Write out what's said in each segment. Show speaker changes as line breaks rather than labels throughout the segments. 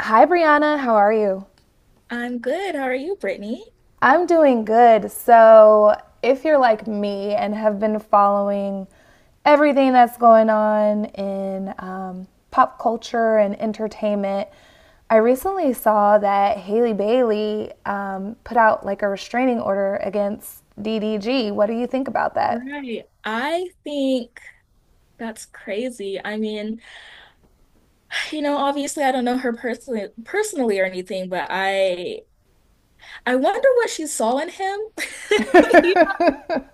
Hi, Brianna. How are you?
I'm good. How are you, Brittany?
I'm doing good. So, if you're like me and have been following everything that's going on in pop culture and entertainment, I recently saw that Haley Bailey put out like a restraining order against DDG. What do you think about that?
Right. I think that's crazy. I mean, you know, obviously I don't know her personally or anything, but I wonder what she saw in him. You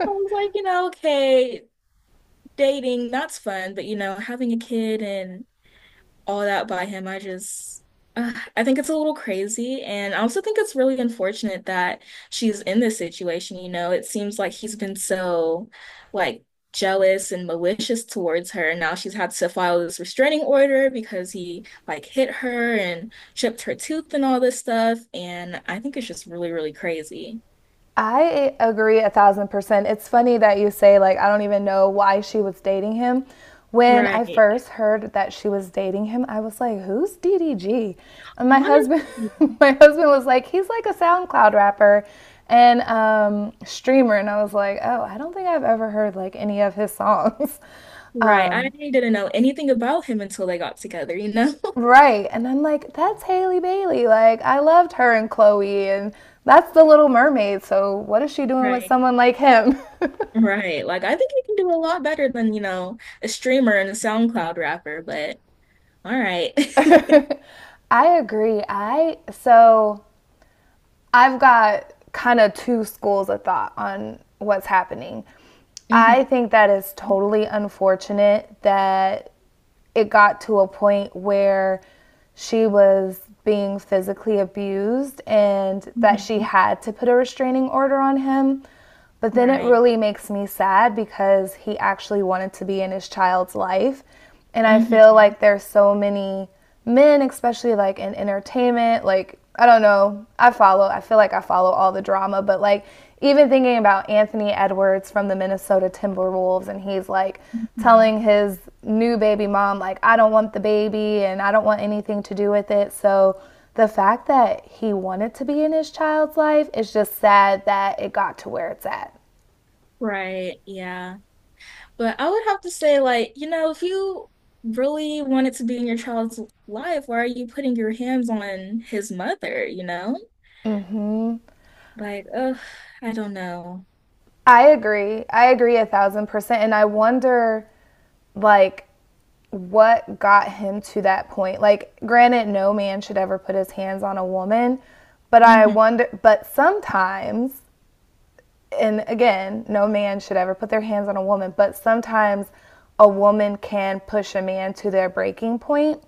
know, I was like, you know, okay, dating, that's fun, but you know, having a kid and all that by him. I just I think it's a little crazy. And I also think it's really unfortunate that she's in this situation. You know, it seems like he's been so, like, jealous and malicious towards her. And now she's had to file this restraining order because he, like, hit her and chipped her tooth and all this stuff. And I think it's just really, really crazy.
I agree a thousand percent. It's funny that you say, like, I don't even know why she was dating him. When I
Right.
first heard that she was dating him, I was like, who's DDG? And my husband,
Honestly,
my husband was like, he's like a SoundCloud rapper and streamer. And I was like, oh, I don't think I've ever heard like any of his songs.
right. I
Um,
didn't know anything about him until they got together, you know?
right. And I'm like, that's Haley Bailey. Like, I loved her and Chloe, and that's the Little Mermaid. So, what is she doing with
Right.
someone like him?
Right. Like I think you can do a lot better than, you know, a streamer and a SoundCloud rapper, but alright.
I agree. I so I've got kind of two schools of thought on what's happening. I
Hmm.
think that is totally unfortunate that it got to a point where she was being physically abused and that she
Hmm.
had to put a restraining order on him. But then it
Right.
really makes me sad because he actually wanted to be in his child's life. And I
Mm-hmm. Mm-hmm.
feel
Right.
like there's so many men, especially like in entertainment, like I don't know. I follow. I feel like I follow all the drama, but like even thinking about Anthony Edwards from the Minnesota Timberwolves and he's like
Mm-hmm. Hmm.
telling his new baby mom like I don't want the baby and I don't want anything to do with it. So the fact that he wanted to be in his child's life is just sad that it got to where it's at.
Right. Yeah. But I would have to say, like, you know, if you really wanted to be in your child's life, why are you putting your hands on his mother, you know? Like, oh, I don't know.
I agree. I agree a thousand percent. And I wonder, like, what got him to that point. Like, granted, no man should ever put his hands on a woman, but I
Mm-hmm.
wonder, but sometimes, and again, no man should ever put their hands on a woman, but sometimes a woman can push a man to their breaking point.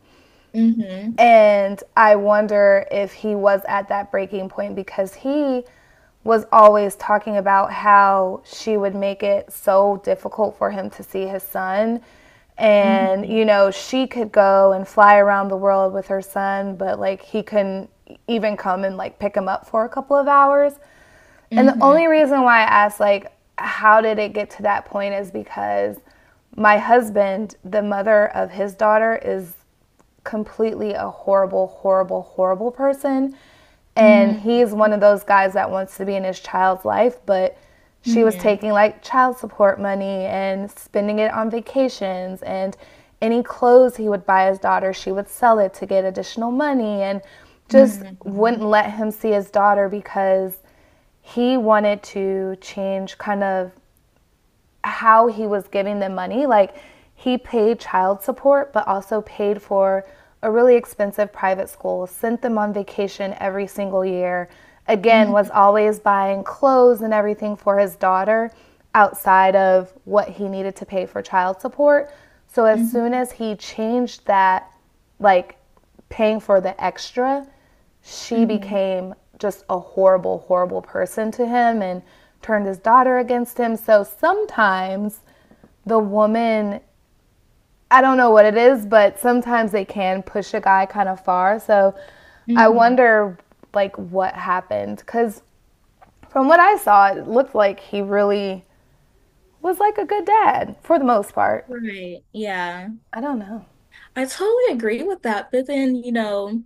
Hmm.
And I wonder if he was at that breaking point because he was always talking about how she would make it so difficult for him to see his son. And, you
Hmm.
know, she could go and fly around the world with her son, but like he couldn't even come and like pick him up for a couple of hours. And the only
Hmm.
reason why I asked, like, how did it get to that point is because my husband, the mother of his daughter, is completely a horrible, horrible, horrible person. And
Hmm.
he's one of those guys that wants to be in his child's life, but she was
Hmm.
taking like child support money and spending it on vacations and any clothes he would buy his daughter, she would sell it to get additional money and just
Hmm.
wouldn't let him see his daughter because he wanted to change kind of how he was giving them money. Like he paid child support, but also paid for a really expensive private school, sent them on vacation every single year. Again,
Hmm.
was always buying clothes and everything for his daughter outside of what he needed to pay for child support. So as soon
Hmm.
as he changed that, like paying for the extra she
Hmm.
became just a horrible, horrible person to him and turned his daughter against him. So sometimes the woman, I don't know what it is, but sometimes they can push a guy kind of far. So I
Hmm.
wonder like what happened cuz from what I saw, it looked like he really was like a good dad for the most part.
Right. Yeah.
I don't know.
I totally agree with that. But then, you know,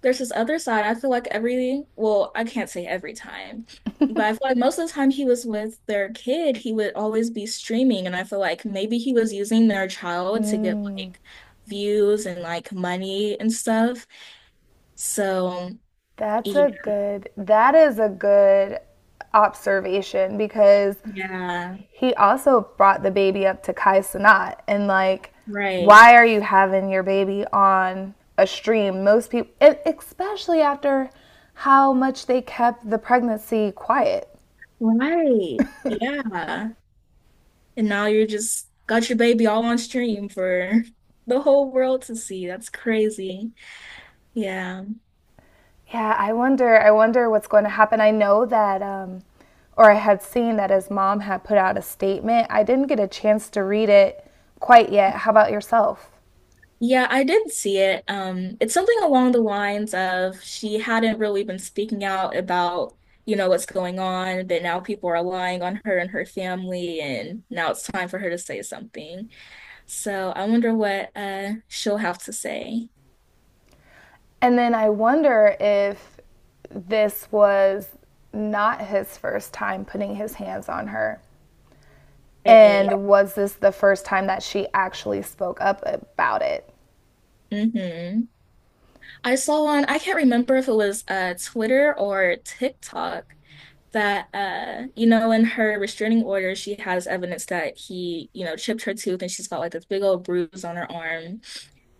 there's this other side. I feel like well, I can't say every time, but I feel like most of the time he was with their kid, he would always be streaming. And I feel like maybe he was using their child to get like views and like money and stuff. So,
That's a
yeah.
good, that is a good observation because
Yeah.
he also brought the baby up to Kai Sanat and like,
Right.
why are you having your baby on a stream? Most people, especially after how much they kept the pregnancy quiet.
Right. Yeah. And now you're just got your baby all on stream for the whole world to see. That's crazy. Yeah.
Yeah, I wonder. I wonder what's going to happen. I know that, or I had seen that his mom had put out a statement. I didn't get a chance to read it quite yet. How about yourself?
Yeah, I did see it. It's something along the lines of she hadn't really been speaking out about, you know, what's going on, but now people are relying on her and her family, and now it's time for her to say something. So I wonder what she'll have to say.
And then I wonder if this was not his first time putting his hands on her.
Right.
And was this the first time that she actually spoke up about it?
Hmm. I saw one, I can't remember if it was Twitter or TikTok that you know in her restraining order she has evidence that he you know chipped her tooth and she's got like this big old bruise on her arm,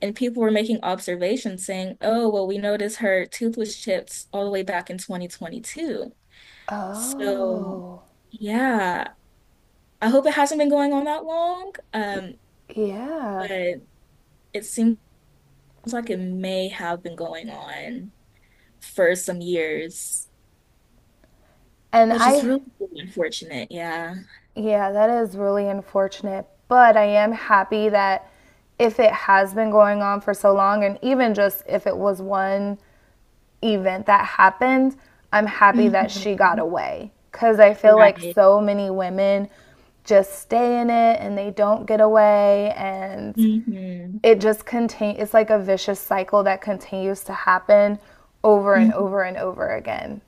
and people were making observations saying, oh well, we noticed her tooth was chipped all the way back in 2022. So
Oh,
yeah, I hope it hasn't been going on that long,
yeah.
but it seems like it may have been going on for some years,
And
which is
I,
really unfortunate. Yeah.
yeah, that is really unfortunate. But I am happy that if it has been going on for so long, and even just if it was one event that happened, I'm happy that she got
Mhm.
away. Because I feel like
Right.
so many women just stay in it and they don't get away. And
Hmm.
it just continues, it's like a vicious cycle that continues to happen over and
Hmm.
over and over again.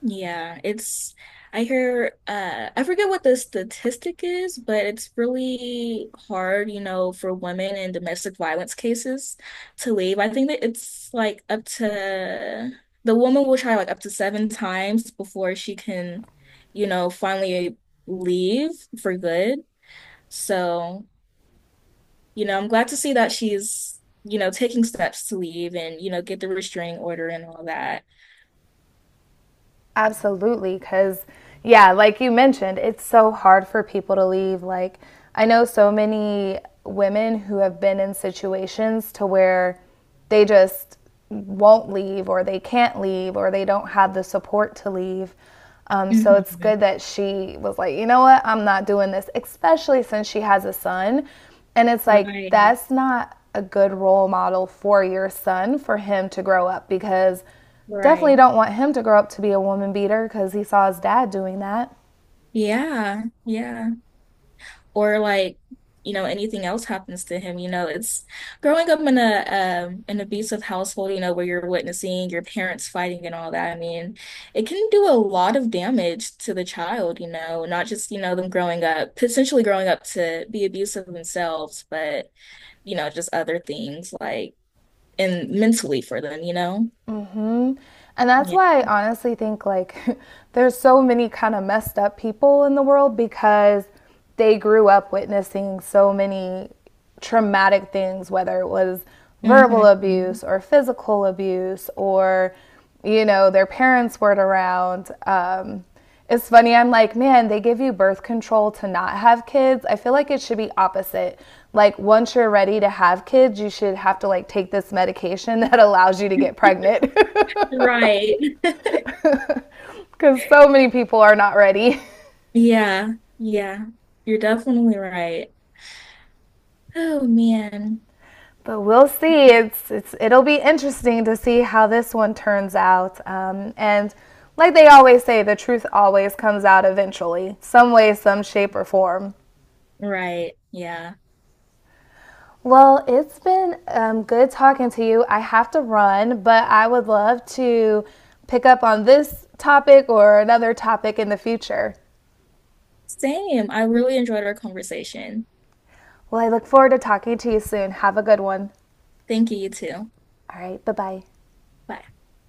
Yeah, it's I hear, I forget what the statistic is, but it's really hard, you know, for women in domestic violence cases to leave. I think that it's like up to, the woman will try like up to 7 times before she can, you know, finally leave for good. So, you know, I'm glad to see that she's, you know, taking steps to leave and, you know, get the restraining order and all that.
Absolutely, because yeah, like you mentioned, it's so hard for people to leave. Like I know so many women who have been in situations to where they just won't leave or they can't leave or they don't have the support to leave. So it's good that she was like, you know what, I'm not doing this, especially since she has a son. And it's like,
Right,
that's not a good role model for your son for him to grow up because
right.
definitely don't want him to grow up to be a woman beater because he saw his dad doing that.
Yeah, yeah. Or like, you know, anything else happens to him, you know, it's growing up in a an abusive household, you know, where you're witnessing your parents fighting and all that. I mean, it can do a lot of damage to the child, you know, not just, you know, them growing up, potentially growing up to be abusive themselves, but, you know, just other things like and mentally for them, you know?
And that's
Yeah.
why I honestly think like there's so many kind of messed up people in the world because they grew up witnessing so many traumatic things, whether it was verbal
Hmm.
abuse or physical abuse or you know their parents weren't around. It's funny. I'm like, man, they give you birth control to not have kids. I feel like it should be opposite. Like once you're ready to have kids, you should have to like take this medication that allows you to get pregnant,
Right.
because so many people are not ready.
Yeah, yeah, you're definitely right. Oh man,
But we'll see. It's it'll be interesting to see how this one turns out. And like they always say, the truth always comes out eventually, some way, some shape or form.
right. Yeah.
Well, it's been good talking to you. I have to run, but I would love to pick up on this topic or another topic in the future.
Same. I really enjoyed our conversation.
Well, I look forward to talking to you soon. Have a good one.
Thank you, you too.
All right, bye bye.
Bye.